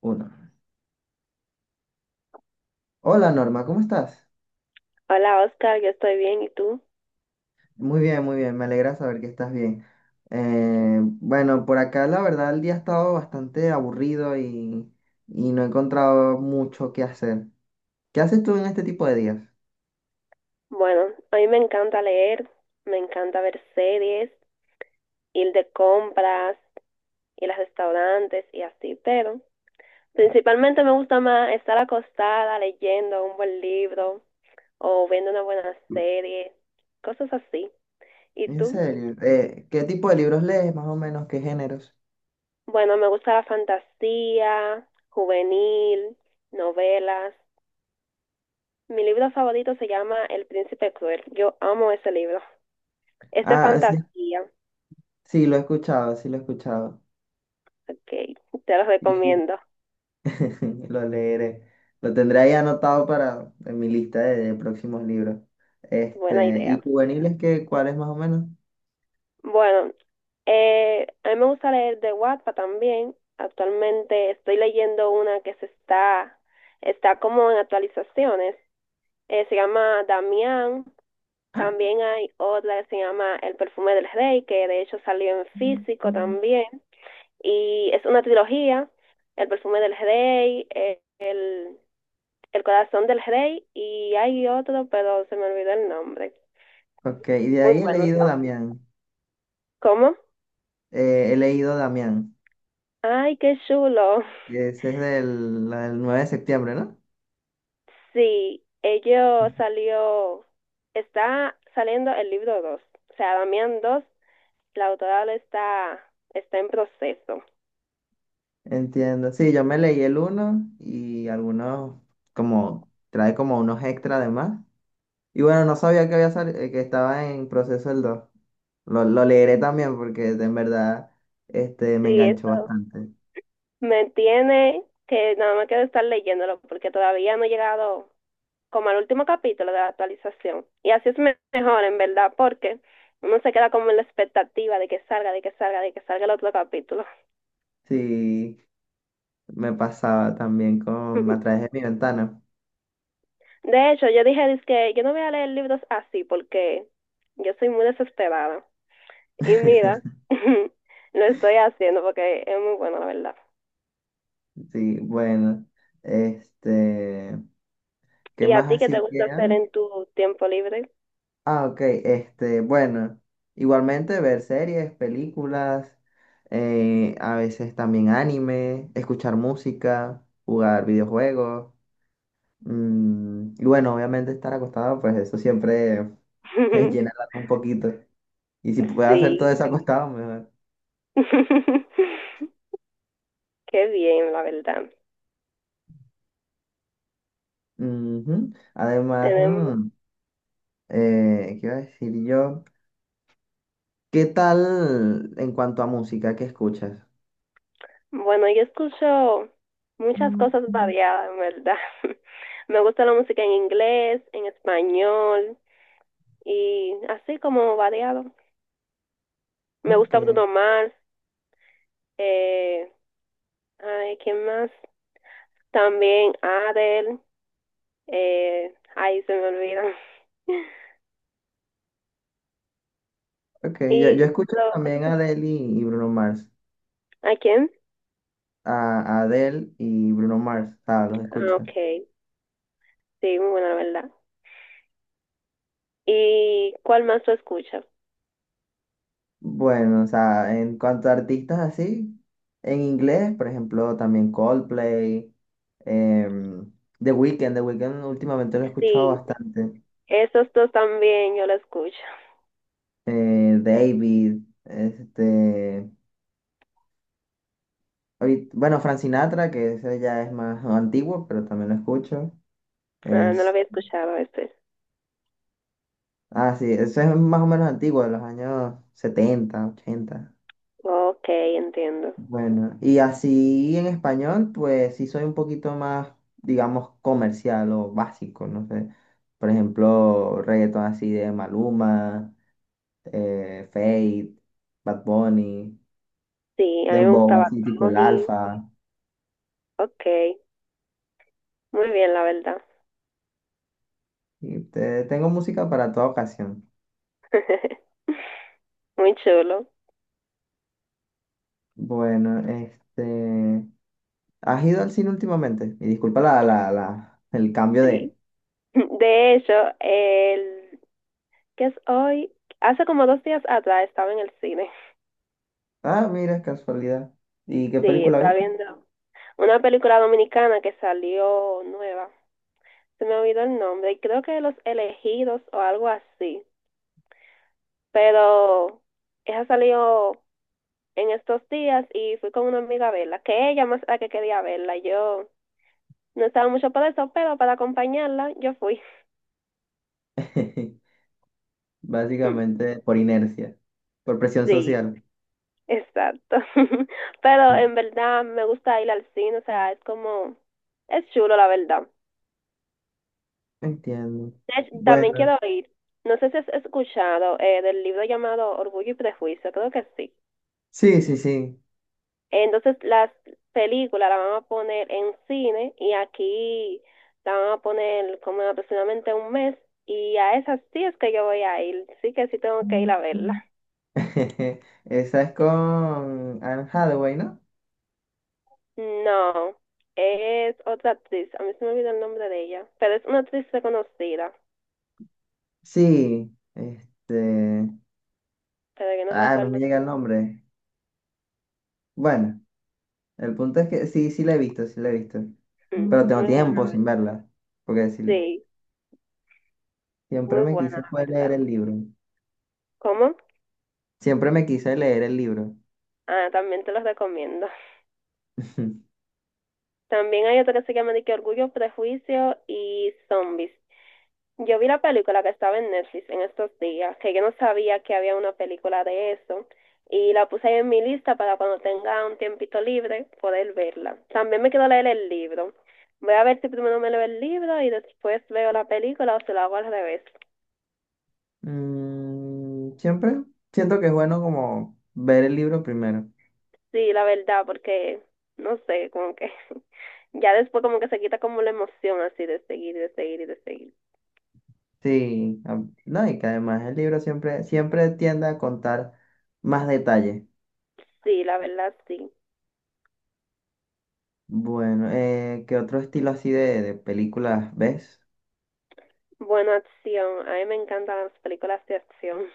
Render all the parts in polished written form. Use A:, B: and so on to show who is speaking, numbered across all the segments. A: Uno. Hola Norma, ¿cómo estás?
B: Hola Oscar, yo estoy bien, ¿y tú?
A: Muy bien, me alegra saber que estás bien. Bueno, por acá la verdad el día ha estado bastante aburrido y no he encontrado mucho que hacer. ¿Qué haces tú en este tipo de días?
B: Bueno, a mí me encanta leer, me encanta ver series, ir de compras, ir a restaurantes y así, pero principalmente me gusta más estar acostada leyendo un buen libro o viendo una buena serie, cosas así. ¿Y
A: En
B: tú?
A: serio, ¿qué tipo de libros lees más o menos? ¿Qué géneros?
B: Bueno, me gusta la fantasía, juvenil, novelas. Mi libro favorito se llama El Príncipe Cruel. Yo amo ese libro. Es de
A: Ah, sí,
B: fantasía.
A: sí, lo he escuchado, sí lo he escuchado.
B: Ok, te los
A: Y
B: recomiendo.
A: lo leeré. Lo tendré ahí anotado para en mi lista de próximos libros.
B: Buena
A: Este, ¿y
B: idea.
A: juveniles qué, cuáles más o menos?
B: Bueno, a mí me gusta leer de Wattpad también. Actualmente estoy leyendo una que está como en actualizaciones. Se llama Damián. También hay otra que se llama El perfume del rey, que de hecho salió en físico
A: Mm.
B: también. Y es una trilogía, El perfume del rey, el corazón del rey, y hay otro, pero se me olvidó el nombre.
A: Ok, y de
B: Muy
A: ahí he
B: bueno
A: leído
B: también.
A: Damián.
B: ¿Cómo?
A: He leído Damián.
B: Ay, qué chulo.
A: Ese es la del 9 de septiembre, ¿no?
B: Sí, ello salió, está saliendo el libro 2, o sea, Damián dos, la autora está en proceso.
A: Entiendo. Sí, yo me leí el uno y algunos como trae como unos extra además. Y bueno, no sabía que había que estaba en proceso el 2. Lo leeré también porque en verdad este,
B: Sí,
A: me enganchó
B: eso
A: bastante.
B: me tiene que nada más quiero estar leyéndolo porque todavía no he llegado como al último capítulo de la actualización. Y así es mejor, en verdad, porque uno se queda como en la expectativa de que salga, de que salga, de que salga el otro capítulo.
A: Sí, me pasaba también con A través de mi ventana.
B: De hecho, yo dije, que yo no voy a leer libros así porque yo soy muy desesperada. Y mira, lo estoy haciendo porque es muy bueno, la verdad.
A: Sí, bueno. Este. ¿Qué
B: ¿Y a
A: más
B: ti qué te
A: así
B: gusta hacer
A: queda?
B: en tu tiempo libre?
A: Ah, ok, este, bueno, igualmente ver series, películas, a veces también anime, escuchar música, jugar videojuegos, y bueno, obviamente estar acostado, pues eso siempre llena el alma un poquito. Y si puedo hacer todo
B: Sí.
A: eso acostado, mejor.
B: Qué bien, la verdad.
A: Ujú. Además,
B: Tenemos,
A: ¿qué iba a decir yo? ¿Qué tal en cuanto a música? ¿Qué escuchas?
B: bueno, yo escucho muchas cosas
A: Mm,
B: variadas, en verdad. Me gusta la música en inglés, en español y así como variado. Me
A: ok.
B: gusta Bruno Mars, eh, ay, ¿quién más? También Adele. Ay, se me olvida.
A: Ok, yo
B: Y
A: escucho
B: lo,
A: también a
B: cosas-
A: Adele y Bruno Mars.
B: ¿a quién?
A: A Adele y Bruno Mars, o sea, los escucho.
B: Ah, ok. Sí, muy buena, la verdad. ¿Y cuál más tú escuchas?
A: Bueno, o sea, en cuanto a artistas así, en inglés, por ejemplo, también Coldplay, em, The Weeknd, The Weeknd últimamente lo he escuchado
B: Sí,
A: bastante.
B: esos dos también yo lo escucho.
A: David, este, bueno, Frank Sinatra, que ese ya es más antiguo, pero también lo escucho.
B: Ah, no lo
A: Es,
B: había escuchado este.
A: ah, sí, ese es más o menos antiguo, de los años 70, 80.
B: Ok, entiendo.
A: Bueno, y así en español, pues sí soy un poquito más, digamos, comercial o básico, no sé. Por ejemplo, reggaeton así de Maluma, Feid, Bad Bunny,
B: Sí, a mí me
A: Dembow,
B: gustaba
A: así tipo el
B: Tony.
A: Alfa.
B: Ok, muy bien, la verdad.
A: Y tengo música para toda ocasión.
B: Muy chulo,
A: Bueno, este. ¿Has ido al cine últimamente? Y disculpa el cambio
B: sí.
A: de.
B: De hecho, el, ¿que es hoy? Hace como 2 días atrás estaba en el cine.
A: Ah, mira, casualidad. ¿Y qué
B: Sí,
A: película
B: estaba
A: vi?
B: viendo una película dominicana que salió nueva. Se me olvidó el nombre y creo que Los Elegidos o algo así. Pero esa salió en estos días y fui con una amiga a verla, que ella más la que quería verla. Yo no estaba mucho para eso, pero para acompañarla yo fui. Mm,
A: Básicamente por inercia. Por presión
B: sí,
A: social.
B: exacto. Pero en verdad me gusta ir al cine, o sea, es como, es chulo la verdad.
A: Entiendo.
B: De hecho, también
A: Bueno,
B: quiero oír, no sé si has escuchado del libro llamado Orgullo y Prejuicio, creo que sí.
A: sí, sí, sí.
B: Entonces las películas las van a poner en cine y aquí la van a poner como en aproximadamente un mes y a esas sí es que yo voy a ir, sí que sí tengo que ir a verla.
A: Esa es con Anne Hathaway, ¿no?
B: No, es otra actriz, a mí se me olvidó el nombre de ella, pero es una actriz reconocida,
A: Sí, este.
B: pero que no
A: Ah, no me
B: recuerdo.
A: llega el nombre. Bueno, el punto es que sí, sí la he visto, sí la he visto.
B: Mm,
A: Pero tengo
B: muy buena,
A: tiempo
B: la
A: sin
B: verdad.
A: verla. Porque sí,
B: Sí,
A: siempre
B: muy
A: me quise
B: buena, la
A: fue leer
B: verdad.
A: el libro.
B: ¿Cómo?
A: Siempre me quise leer el libro.
B: Ah, también te los recomiendo. También hay otro que se llama de que Orgullo, Prejuicio y Zombies. Yo vi la película que estaba en Netflix en estos días, que yo no sabía que había una película de eso, y la puse ahí en mi lista para cuando tenga un tiempito libre poder verla. También me quiero leer el libro. Voy a ver si primero me leo el libro y después veo la película o se lo hago al revés.
A: Siempre siento que es bueno como ver el libro primero.
B: Sí, la verdad, porque no sé, como que ya después como que se quita como la emoción así de seguir y de seguir.
A: Sí, no, y que además el libro siempre, siempre tiende a contar más detalles.
B: Sí, la verdad, sí.
A: Bueno, ¿qué otro estilo así de películas ves?
B: Buena acción. A mí me encantan las películas de acción.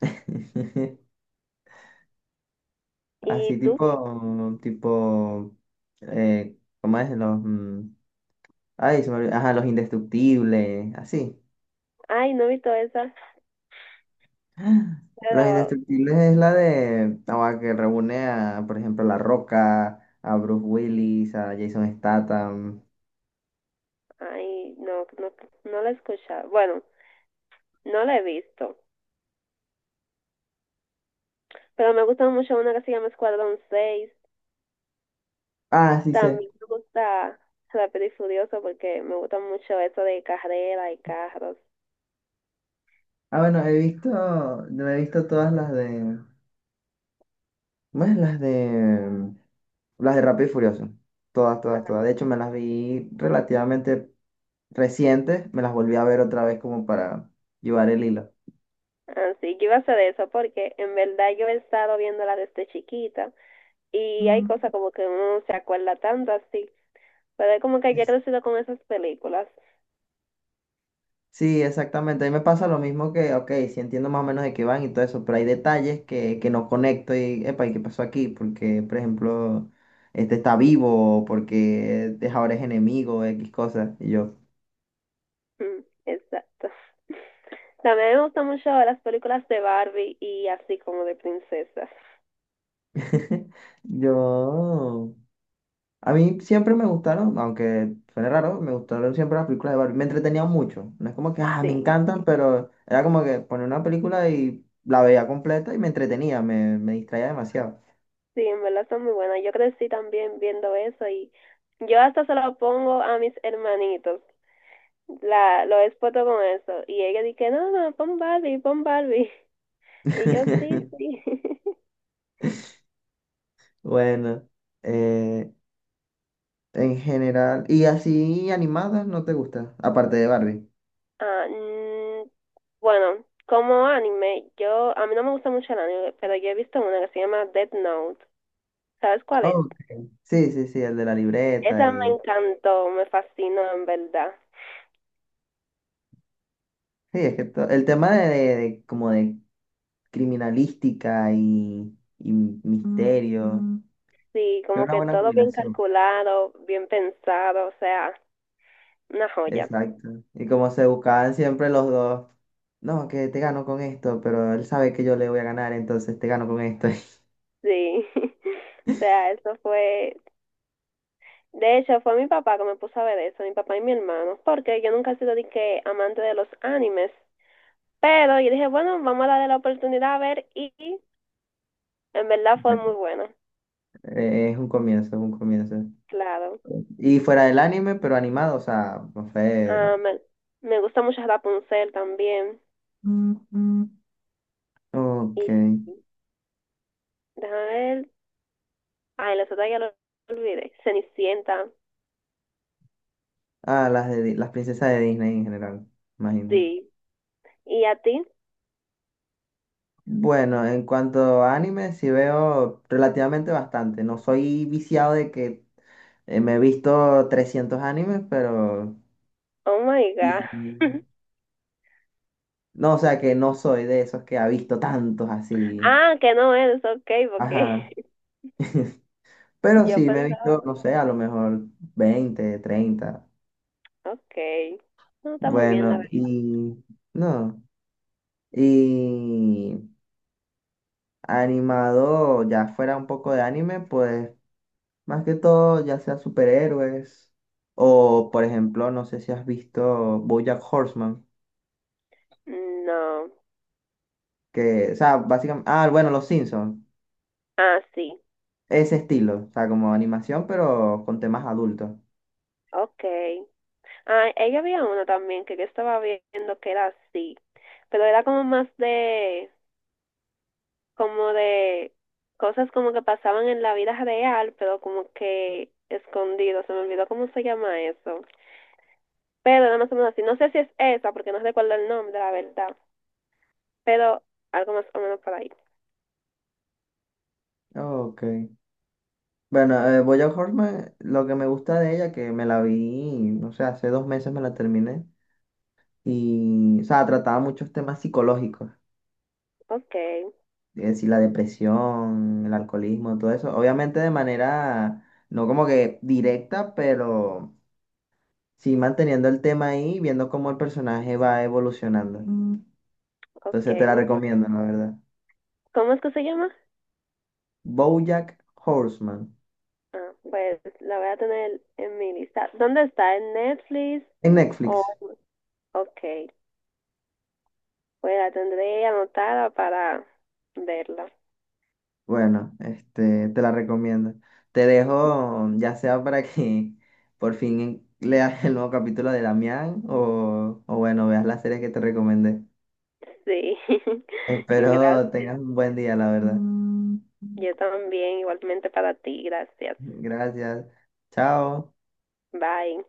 A: Así
B: ¿Y tú?
A: tipo, ¿cómo es? Los, ay, se me olvidó. Ajá, los indestructibles, así.
B: Ay, no he visto esa,
A: ¡Ah! Los
B: pero
A: indestructibles es la de, ah, que reúne a, por ejemplo, a La Roca, a Bruce Willis, a Jason Statham.
B: ay, no, no, no la he escuchado. Bueno, no la he visto, pero me gusta mucho una que se llama Escuadrón seis.
A: Ah, sí.
B: También me gusta Rápido y Furioso porque me gusta mucho eso de carrera y carros.
A: Ah, bueno, he visto, no he visto todas las de, más las de Rápido y Furioso, todas, todas,
B: Ajá.
A: todas. De hecho, me las vi relativamente recientes, me las volví a ver otra vez como para llevar el hilo.
B: Así que iba a hacer eso porque en verdad yo he estado viéndola desde chiquita y hay
A: Mm.
B: cosas como que uno no se acuerda tanto así, pero es como que ya he
A: Es-
B: crecido con esas películas.
A: Sí, exactamente. A mí me pasa lo mismo que, ok, sí entiendo más o menos de qué van y todo eso, pero hay detalles que no conecto y, epa, ¿y qué pasó aquí? Porque, por ejemplo, este está vivo, o porque ahora es enemigo, X cosas. Y yo.
B: Mm, exacto. También me gustan mucho las películas de Barbie y así como de princesas.
A: Yo. A mí siempre me gustaron, aunque suene raro, me gustaron siempre las películas de Barbie. Me entretenían mucho. No es como que, ah, me
B: Sí,
A: encantan, pero era como que ponía una película y la veía completa y me entretenía, me distraía demasiado.
B: sí, en verdad son muy buenas. Yo crecí también viendo eso y yo hasta se lo pongo a mis hermanitos. Lo expoto con eso. Y ella dice, no, no, pon Barbie, pon Barbie. Y yo, sí, sí.
A: Bueno, eh, en general. ¿Y así animadas no te gusta? Aparte de Barbie.
B: Ah, bueno, como anime, a mí no me gusta mucho el anime, pero yo he visto una que se llama Death Note. ¿Sabes cuál es?
A: Ok. Sí, sí, sí, el de la libreta
B: Esa me
A: y.
B: encantó, me fascinó en verdad.
A: Sí, es que el tema como de criminalística y misterio. Mm.
B: Sí,
A: Fue
B: como
A: una
B: que
A: buena
B: todo bien
A: combinación.
B: calculado, bien pensado, o sea, una joya.
A: Exacto. Y como se buscaban siempre los dos, no, que te gano con esto, pero él sabe que yo le voy a ganar, entonces te gano con esto.
B: Sí, o sea, eso fue, de hecho, fue mi papá que me puso a ver eso, mi papá y mi hermano, porque yo nunca he sido de que amante de los animes, pero yo dije, bueno, vamos a darle la oportunidad a ver y en verdad fue muy bueno,
A: Es un comienzo, es un comienzo.
B: claro.
A: Y fuera del anime, pero animado, o sea, no sé.
B: Ah, me gusta mucho Rapunzel también
A: Mm, mm. Ok.
B: y déjame ver, ay, las otras ya lo olvidé. Cenicienta,
A: Ah, las de, las princesas de Disney en general, imagino.
B: sí. ¿Y a ti?
A: Bueno, en cuanto a anime, sí veo relativamente bastante. No soy viciado de que me he visto 300 animes, pero
B: Oh my
A: sí.
B: God.
A: No, o sea que no soy de esos que ha visto tantos así.
B: Ah, que no eres, ok, porque
A: Ajá. Pero
B: yo
A: sí, me he
B: pensaba,
A: visto, no
B: bueno,
A: sé, a lo mejor 20 30.
B: ok. No está muy bien la
A: Bueno,
B: verdad.
A: y no. Y animado, ya fuera un poco de anime, pues más que todo, ya sea superhéroes. O, por ejemplo, no sé si has visto BoJack Horseman,
B: No.
A: que, o sea, básicamente, ah, bueno, Los Simpsons,
B: Ah, sí.
A: ese estilo, o sea, como animación, pero con temas adultos.
B: Ok. Ah, ella había una también que yo estaba viendo que era así, pero era como más de, como de cosas como que pasaban en la vida real, pero como que escondido. Se me olvidó cómo se llama eso. Pero era más o menos así. No sé si es esa, porque no recuerdo el nombre, la verdad. Pero algo más o menos por ahí.
A: Ok. Bueno, BoJack Horseman, lo que me gusta de ella, que me la vi, no sé, hace 2 meses me la terminé, y, o sea, trataba muchos temas psicológicos,
B: Ok,
A: es decir, la depresión, el alcoholismo, todo eso, obviamente de manera, no como que directa, pero sí manteniendo el tema ahí, viendo cómo el personaje va evolucionando. Mm.
B: ok,
A: Entonces te la
B: muy bueno.
A: recomiendo, la verdad.
B: ¿Cómo es que se llama?
A: BoJack Horseman,
B: Ah, pues la voy a tener en mi lista. ¿Dónde está? ¿En Netflix?
A: en
B: O
A: Netflix.
B: ok, pues la tendré anotada para verla.
A: Bueno, este, te la recomiendo. Te dejo, ya sea para que por fin leas el nuevo capítulo de Damián o bueno, veas las series que te recomendé.
B: Sí,
A: Espero
B: gracias.
A: tengas un buen día, la verdad. Mm.
B: Yo también, igualmente para ti, gracias.
A: Gracias. Chao.
B: Bye.